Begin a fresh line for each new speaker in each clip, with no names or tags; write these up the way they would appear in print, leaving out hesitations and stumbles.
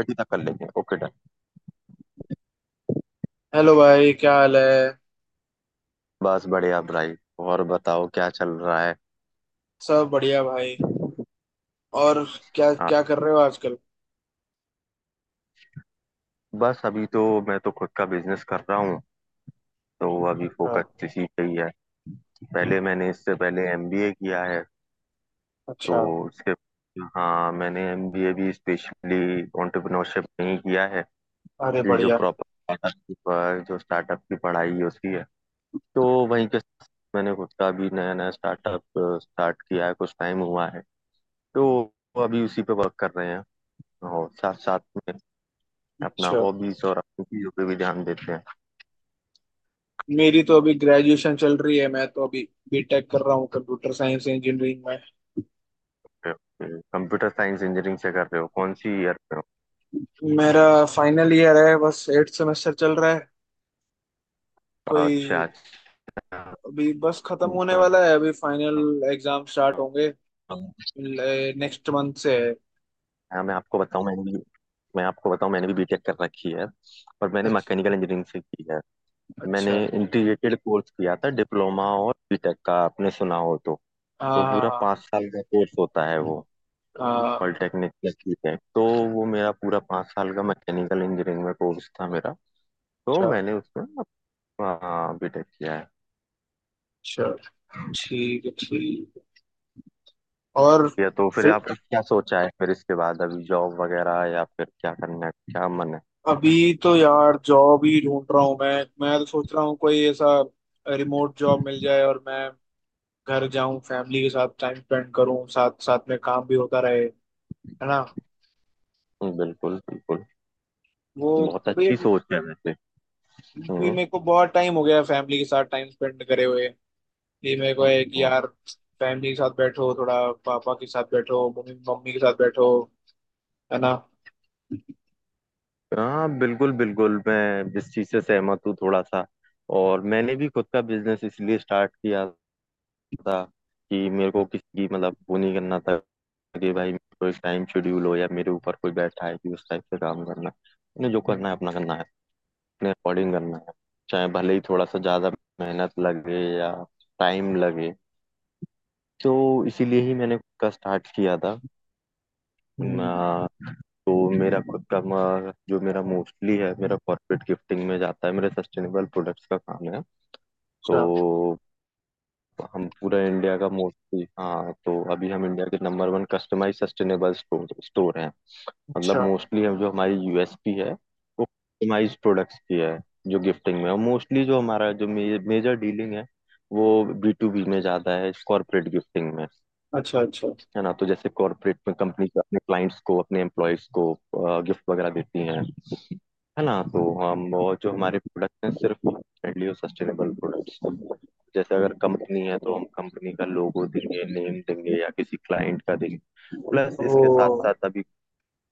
बैठ तक कर लेंगे ओके डन।
हेलो भाई, क्या हाल है।
बस बढ़िया भाई। और बताओ क्या चल रहा है।
सब बढ़िया भाई। और क्या
हाँ,
क्या कर रहे हो आजकल?
बस अभी तो मैं तो खुद का बिजनेस कर रहा हूँ। तो अभी
हाँ।
फोकस इसी पे ही है। पहले मैंने इससे पहले एमबीए किया है। तो
अच्छा।
उसके, हाँ मैंने एमबीए भी स्पेशली एंटरप्रेन्योरशिप में ही किया है।
अरे
कि जो
बढ़िया।
प्रॉपर स्टार्टअप की जो स्टार्टअप की पढ़ाई है उसकी है। तो वहीं के साथ मैंने खुद का भी नया नया स्टार्टअप स्टार्ट किया है, कुछ टाइम हुआ है। तो अभी उसी पे वर्क कर रहे हैं और साथ साथ में अपना
अच्छा।
हॉबीज और अपनी चीजों पे भी ध्यान देते हैं।
मेरी तो अभी ग्रेजुएशन चल रही है, मैं तो अभी बीटेक कर रहा हूँ कंप्यूटर साइंस इंजीनियरिंग में।
कंप्यूटर साइंस इंजीनियरिंग से कर रहे हो? कौन सी ईयर पे हो?
मेरा फाइनल ईयर है, बस एट सेमेस्टर चल रहा है।
अच्छा
कोई
अच्छा।
अभी बस खत्म होने वाला है, अभी फाइनल एग्जाम स्टार्ट होंगे नेक्स्ट मंथ से है।
हाँ मैं आपको बताऊं मैंने भी बीटेक कर रखी है। और मैंने
अच्छा
मैकेनिकल इंजीनियरिंग से की है। मैंने
अच्छा।
इंटीग्रेटेड कोर्स किया था, डिप्लोमा और बीटेक का आपने सुना हो तो। तो
हाँ।
पूरा
हाँ
पाँच साल का कोर्स होता है वो।
हाँ। हाँ।
Polytechnic plus BTech. तो वो मेरा पूरा पाँच साल का मैकेनिकल इंजीनियरिंग में कोर्स था मेरा। तो
अच्छा।
मैंने उसमें हाँ बीटेक किया है।
अच्छा। ठीक है ठीक है। और
ये तो फिर
फ्री,
आपने क्या सोचा है फिर इसके बाद, अभी जॉब वगैरह या फिर क्या करना है, क्या मन है?
अभी तो यार जॉब ही ढूंढ रहा हूँ मैं। मैं तो सोच रहा हूँ कोई ऐसा रिमोट जॉब मिल जाए और मैं घर जाऊं, फैमिली के साथ टाइम स्पेंड करूं, साथ साथ में काम भी होता रहे, है ना।
बिल्कुल बिल्कुल।
वो
बहुत
अभी
अच्छी सोच है वैसे।
भी
हम्म।
मेरे को बहुत टाइम हो गया फैमिली के साथ टाइम स्पेंड करे हुए। ये मेरे को है कि
हाँ।
यार फैमिली के साथ बैठो थोड़ा, पापा के साथ बैठो, मम्मी मम्मी के साथ बैठो, है ना।
हाँ, बिल्कुल बिल्कुल मैं जिस चीज से सहमत हूँ थोड़ा सा। और मैंने भी खुद का बिजनेस इसलिए स्टार्ट किया था कि मेरे को किसी मतलब वो नहीं करना था। कि भाई मेरे को एक टाइम शेड्यूल हो या मेरे ऊपर कोई बैठा है कि उस टाइप से काम करना है। मैंने जो
हम्म।
करना है अपना करना है। अपने अकॉर्डिंग करना है। चाहे भले ही थोड़ा सा ज्यादा मेहनत लगे या टाइम लगे। तो इसीलिए ही मैंने खुद का स्टार्ट किया था।
हम्म।
अ, तो मेरा खुद का जो मेरा मोस्टली है, मेरा कॉर्पोरेट गिफ्टिंग में जाता है, मेरे सस्टेनेबल प्रोडक्ट्स का काम है।
अच्छा।
तो हम पूरा इंडिया का मोस्टली, हाँ तो अभी हम इंडिया के number one customize sustainable store store हैं।
अच्छा।
मतलब मोस्टली हम, जो हमारी यूएसपी है वो कस्टमाइज्ड प्रोडक्ट्स की है। जो गिफ्टिंग में है। मोस्टली जो मेजर डीलिंग है वो बी टू बी में ज्यादा है, कॉर्पोरेट गिफ्टिंग में।
अच्छा। अच्छा।
है ना, तो जैसे कॉर्पोरेट में कंपनी अपने क्लाइंट्स को अपने एम्प्लॉयज को गिफ्ट वगैरह देती हैं। है ना, तो हम, और जो हमारे प्रोडक्ट हैं सिर्फ फ्रेंडली और सस्टेनेबल प्रोडक्ट्स। जैसे अगर कंपनी है तो हम कंपनी का लोगो देंगे, नेम देंगे, या किसी क्लाइंट का देंगे। Plus
O.
इसके साथ साथ अभी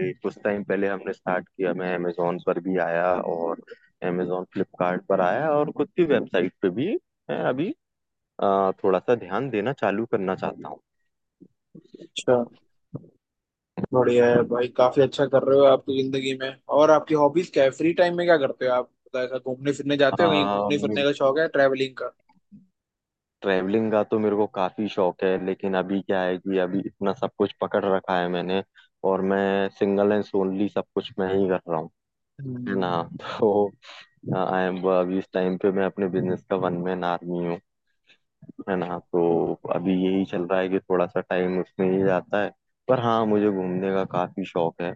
ये कुछ टाइम पहले हमने स्टार्ट किया, मैं अमेजोन पर भी आया। और अमेजोन, फ्लिपकार्ट पर आया और खुद की वेबसाइट पे भी मैं अभी थोड़ा सा ध्यान देना चालू करना चाहता हूँ।
अच्छा, बढ़िया है भाई, काफी अच्छा कर रहे हो आपकी जिंदगी में। और आपकी हॉबीज क्या है? फ्री टाइम में क्या करते हो आप? मतलब ऐसा घूमने फिरने जाते हो कहीं? घूमने
मेरे
फिरने का शौक
को
है? ट्रैवलिंग का?
ट्रैवलिंग का तो मेरे को काफी शौक है, लेकिन अभी क्या है कि अभी इतना सब कुछ पकड़ रखा है मैंने। और मैं सिंगल एंड सोनली सब कुछ मैं ही कर रहा हूँ। है
हम्म।
ना। तो आई एम, अभी इस टाइम पे मैं अपने बिजनेस का वन मैन आर्मी हूँ। है ना। तो
तो-
अभी यही चल रहा है कि थोड़ा सा टाइम उसमें ही जाता है। पर हाँ, मुझे घूमने का काफी शौक है।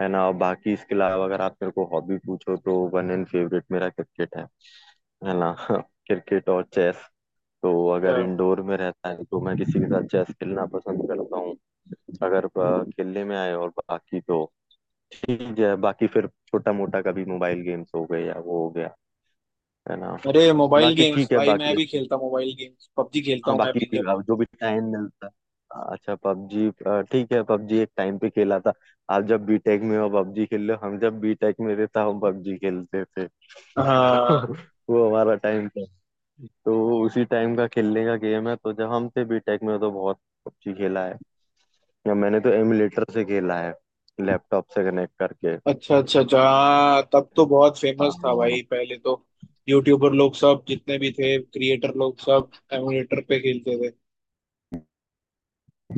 है ना, और बाकी इसके अलावा अगर आप मेरे को हॉबी पूछो तो वन एंड फेवरेट मेरा क्रिकेट है। है ना। क्रिकेट और चेस। तो अगर
अच्छा।
इंडोर में रहता है तो मैं किसी के साथ चेस खेलना पसंद करता हूँ। अगर खेलने में आए। और बाकी तो ठीक है, बाकी फिर छोटा मोटा कभी मोबाइल गेम्स हो गए या वो हो गया। है ना।
अरे मोबाइल
बाकी
गेम्स,
ठीक है,
भाई मैं
बाकी
भी खेलता हूँ मोबाइल गेम्स, पबजी खेलता
हाँ
हूँ मैं
बाकी
भी गेम।
अब जो भी टाइम मिलता है। अच्छा पबजी, ठीक है पबजी एक टाइम पे खेला था। आप जब बीटेक में हो पबजी खेल लो, हम जब बीटेक में रहता हम पबजी खेलते थे। तो
हाँ।
वो हमारा टाइम था। तो उसी टाइम का खेलने का गेम है, तो जब हम थे बीटेक में तो बहुत पबजी खेला है। या मैंने तो एमुलेटर से खेला है, लैपटॉप से कनेक्ट करके।
अच्छा अच्छा अच्छा, हाँ तब तो बहुत फेमस था
हाँ,
भाई पहले तो। यूट्यूबर लोग सब जितने भी थे, क्रिएटर लोग सब एमुलेटर पे खेलते थे।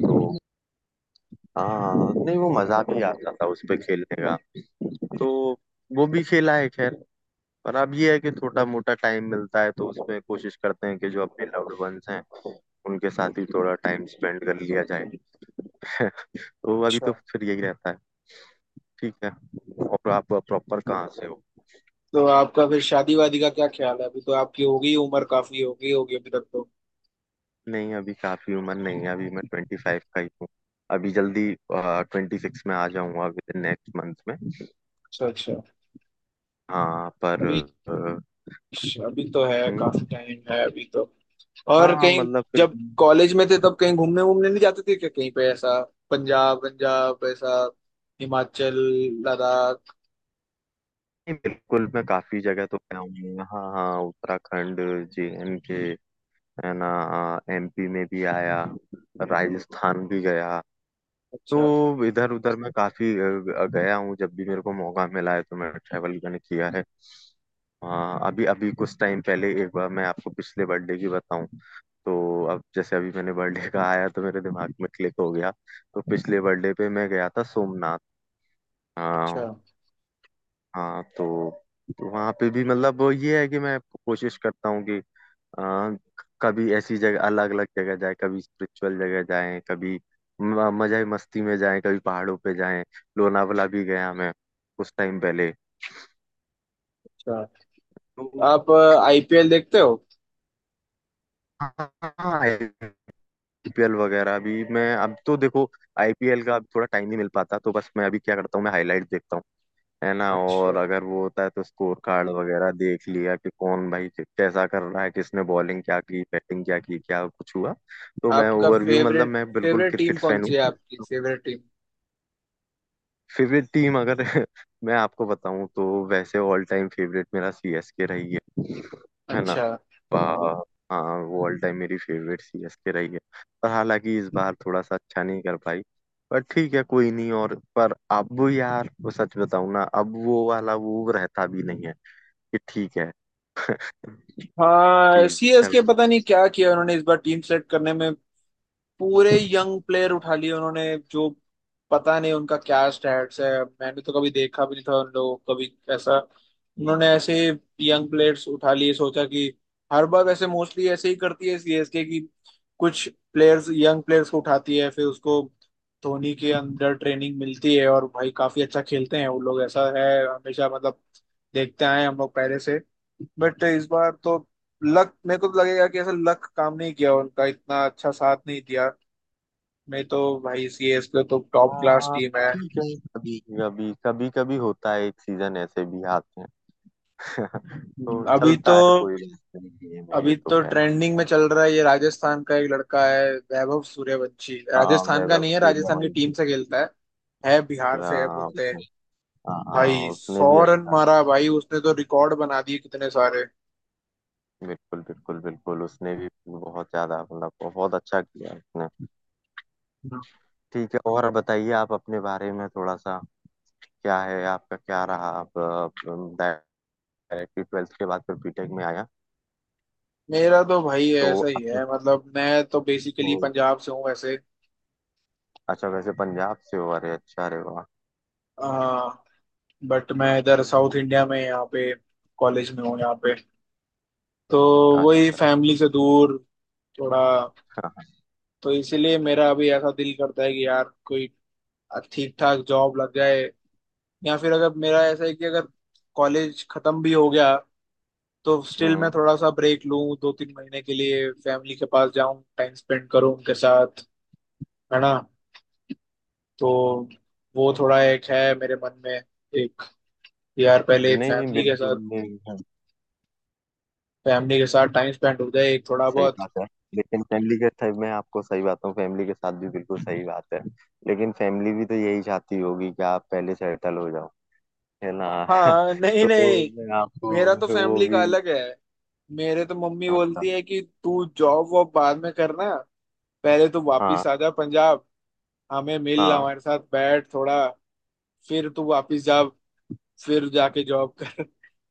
तो हाँ, नहीं वो मजा भी आता था उस पे खेलने का। तो वो भी खेला है, खैर। पर अब ये है कि थोड़ा मोटा टाइम मिलता है तो उसमें कोशिश करते हैं कि जो अपने लव्ड वंस हैं उनके साथ ही थोड़ा टाइम स्पेंड कर लिया जाए। तो अभी
अच्छा।
तो फिर यही रहता है। ठीक है। और आप प्रॉपर कहाँ से हो?
तो आपका फिर शादी वादी का क्या ख्याल है? अभी तो आपकी हो गई उम्र, काफी हो गई होगी अभी तक तो।
नहीं अभी काफी उम्र नहीं है, अभी मैं ट्वेंटी फाइव का ही हूँ। अभी जल्दी ट्वेंटी सिक्स में आ जाऊंगा विद इन नेक्स्ट मंथ में।
अच्छा अच्छा।
हाँ पर
अभी अभी तो है,
हम्म,
काफी टाइम है अभी तो। और
हाँ
कहीं
मतलब फिर,
जब कॉलेज में थे तब कहीं घूमने वूमने नहीं जाते थे क्या? कहीं पे ऐसा पंजाब पंजाब, ऐसा हिमाचल, लद्दाख?
नहीं, बिल्कुल मैं काफी जगह तो गया हूँ, हाँ हाँ, उत्तराखंड, जे एंड के। है ना। एमपी में भी आया। राजस्थान भी गया।
अच्छा।
तो इधर उधर मैं काफी गया हूँ जब भी मेरे को मौका मिला है तो मैं ट्रैवल मैंने किया है। हाँ अभी अभी कुछ टाइम पहले एक बार, मैं आपको पिछले बर्थडे की बताऊं। तो अब जैसे अभी मैंने बर्थडे का आया तो मेरे दिमाग में क्लिक हो गया। तो पिछले बर्थडे पे मैं गया था सोमनाथ।
अच्छा।
हाँ। हाँ, तो वहाँ पे भी मतलब वो ये है कि मैं कोशिश करता हूँ कि, हाँ, कभी ऐसी जगह अलग अलग जगह जाए, कभी स्पिरिचुअल जगह जाए, कभी मजे मस्ती में जाए, कभी पहाड़ों पे जाए। लोनावला भी गया मैं कुछ टाइम पहले।
अच्छा।
तो
आप आईपीएल देखते हो?
हाँ, आईपीएल वगैरह भी मैं, अब तो देखो आईपीएल का अब थोड़ा टाइम नहीं मिल पाता, तो बस मैं अभी क्या करता हूँ, मैं हाईलाइट देखता हूँ। है ना,
अच्छा।
और अगर वो होता है तो स्कोर कार्ड वगैरह देख लिया कि कौन भाई कैसा कर रहा है, किसने बॉलिंग क्या की, बैटिंग क्या की, क्या कुछ हुआ। तो मैं
आपका
ओवरव्यू, मतलब
फेवरेट,
मैं बिल्कुल
फेवरेट टीम
क्रिकेट
कौन
फैन
सी है? आपकी
हूँ।
Favourite team.
फेवरेट टीम अगर मैं आपको बताऊं तो वैसे ऑल टाइम फेवरेट मेरा सीएसके रही है। है ना।
अच्छा।
आ, हाँ वो ऑल टाइम मेरी फेवरेट सीएसके रही है। पर हालांकि इस बार थोड़ा सा अच्छा नहीं कर पाई। पर ठीक है कोई नहीं, और पर अब यार वो सच बताऊं ना, अब वो वाला वो रहता भी नहीं है। कि ठीक है।
हाँ
ठीक चल।
सीएसके पता नहीं क्या किया उन्होंने इस बार टीम सेलेक्ट करने में। पूरे यंग प्लेयर उठा लिए उन्होंने, जो पता नहीं उनका क्या स्टैट्स है, मैंने तो कभी देखा भी नहीं था उन लोगों को कभी ऐसा। उन्होंने ऐसे यंग प्लेयर्स उठा लिए सोचा कि, हर बार वैसे मोस्टली ऐसे ही करती है सीएसके की, कुछ प्लेयर्स, यंग प्लेयर्स को उठाती है, फिर उसको धोनी के अंदर ट्रेनिंग मिलती है और भाई काफी अच्छा खेलते हैं वो लोग। ऐसा है हमेशा मतलब, देखते आए हैं हम लोग पहले से। बट इस बार तो लक, मेरे को तो लगेगा कि ऐसा लक काम नहीं किया उनका, इतना अच्छा साथ नहीं दिया। में तो भाई सीएस के तो टॉप क्लास
हाँ
टीम है।
ठीक है। कभी कभी होता है, एक सीजन ऐसे भी आते हैं।
हम्म।
तो
अभी तो,
चलता है कोई बात नहीं, ये मैं, ये
अभी
तो
तो
कह।
ट्रेंडिंग में चल रहा है ये, राजस्थान का एक लड़का है वैभव सूर्यवंशी,
हाँ
राजस्थान का
मेरा
नहीं है,
प्रिय
राजस्थान की टीम
मंजू।
से खेलता है बिहार से है
हाँ,
बोलते हैं।
उसने।
भाई
हाँ, उसने
सौ
भी
रन
अच्छा।
मारा भाई उसने, तो रिकॉर्ड बना दिए कितने सारे।
बिल्कुल बिल्कुल बिल्कुल उसने भी बहुत ज्यादा, मतलब बहुत अच्छा किया उसने।
हम्म।
ठीक है। और बताइए आप अपने बारे में थोड़ा सा, क्या है आपका क्या रहा? आप डायरेक्टली ट्वेल्थ के बाद फिर बीटेक में आया?
मेरा तो भाई
तो
ऐसा ही
आप,
है, मतलब मैं तो बेसिकली
ओ,
पंजाब से हूँ वैसे।
अच्छा वैसे पंजाब से हो, अरे अच्छा, अरे वाह।
हाँ। बट मैं इधर साउथ इंडिया में यहाँ पे कॉलेज में हूँ यहाँ पे। तो वही,
अच्छा।
फैमिली से दूर थोड़ा। तो इसीलिए मेरा अभी ऐसा दिल करता है कि यार कोई ठीक ठाक जॉब लग जाए, या फिर अगर मेरा ऐसा है कि अगर कॉलेज खत्म भी हो गया तो स्टिल मैं
हम्म।
थोड़ा सा ब्रेक लूं, दो तीन महीने के लिए फैमिली के पास जाऊं, टाइम स्पेंड करूं उनके साथ, है ना। तो वो थोड़ा एक है मेरे मन में, एक, यार पहले
नहीं
फैमिली के
बिल्कुल
साथ,
नहीं।
फैमिली के साथ टाइम स्पेंड हो जाए एक थोड़ा
सही
बहुत।
बात है। लेकिन फैमिली के साथ, मैं आपको सही बात हूँ, फैमिली के साथ भी बिल्कुल सही बात है। लेकिन फैमिली भी तो यही चाहती होगी कि आप पहले सेटल हो जाओ। है ना।
हाँ नहीं
तो
नहीं,
मैं आपको
मेरा तो
वो
फैमिली का
भी,
अलग है। मेरे तो मम्मी
हाँ
बोलती है कि तू जॉब वॉब बाद में करना, पहले तू
हाँ
वापिस आ जा पंजाब, हमें मिल,
हाँ
हमारे साथ बैठ थोड़ा, फिर तू वापिस जा, फिर जाके जॉब कर।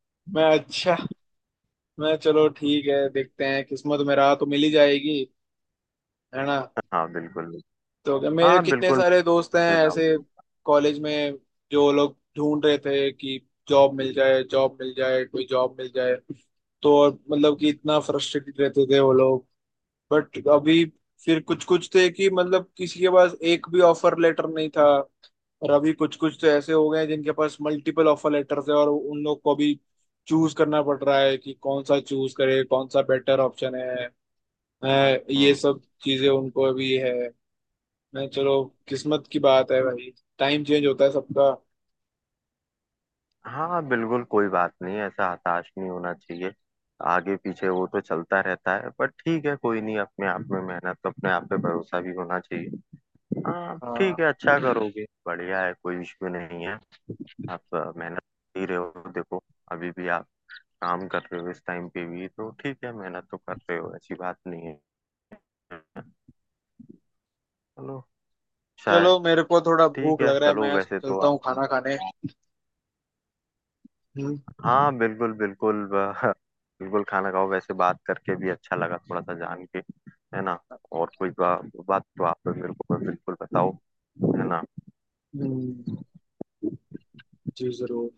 मैं अच्छा, मैं चलो ठीक है, देखते हैं किस्मत में रहा तो मिल ही जाएगी, है ना।
हाँ बिल्कुल।
तो मेरे
हाँ
कितने
बिल्कुल
सारे दोस्त हैं
मैं तो
ऐसे
जाऊंगी।
कॉलेज में जो लोग ढूंढ रहे थे कि जॉब मिल जाए, जॉब मिल जाए, कोई जॉब मिल जाए, तो और मतलब कि इतना फ्रस्ट्रेटेड रहते थे वो लोग। बट अभी फिर कुछ कुछ थे कि मतलब किसी के पास एक भी ऑफर लेटर नहीं था, और अभी कुछ कुछ तो ऐसे हो गए हैं जिनके पास मल्टीपल ऑफर लेटर्स है और उन लोग को भी चूज करना पड़ रहा है कि कौन सा चूज करे, कौन सा बेटर ऑप्शन है। हैं, ये
हम्म।
सब चीजें उनको भी है। हैं, चलो किस्मत की बात है भाई, टाइम चेंज होता है सबका।
हाँ बिल्कुल, कोई बात नहीं, ऐसा हताश नहीं होना चाहिए। आगे पीछे वो तो चलता रहता है, पर ठीक है कोई नहीं, अपने आप में मेहनत अपने आप पे भरोसा भी होना चाहिए। हाँ ठीक
हाँ,
है, अच्छा करोगे, बढ़िया है, कोई इश्यू नहीं है। आप मेहनत कर ही रहे हो देखो। अभी भी आप काम कर रहे हो, इस टाइम पे भी तो ठीक है, मेहनत तो कर रहे हो, ऐसी बात नहीं है। चलो। अच्छा है।
चलो मेरे को थोड़ा
ठीक
भूख लग
है
रहा है,
चलो,
मैं
वैसे तो
चलता
आप,
हूँ खाना खाने। हम्म।
हाँ बिल्कुल बिल्कुल बिल्कुल खाना खाओ, वैसे बात करके भी अच्छा लगा थोड़ा सा जान के। है ना। और कोई बात तो आप मेरे को बिल्कुल बताओ। है ना।
हम्म, जी जरूर।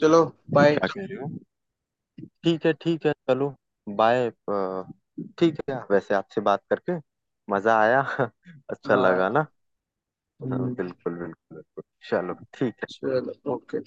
चलो, बाय।
क्या कह रहे हो? ठीक है चलो। बाय ठीक है। वैसे आपसे बात करके मजा आया। अच्छा लगा
हाँ।
ना। हाँ,
हम्म।
बिल्कुल बिल्कुल बिल्कुल। चलो। ठीक है।
चलो ओके।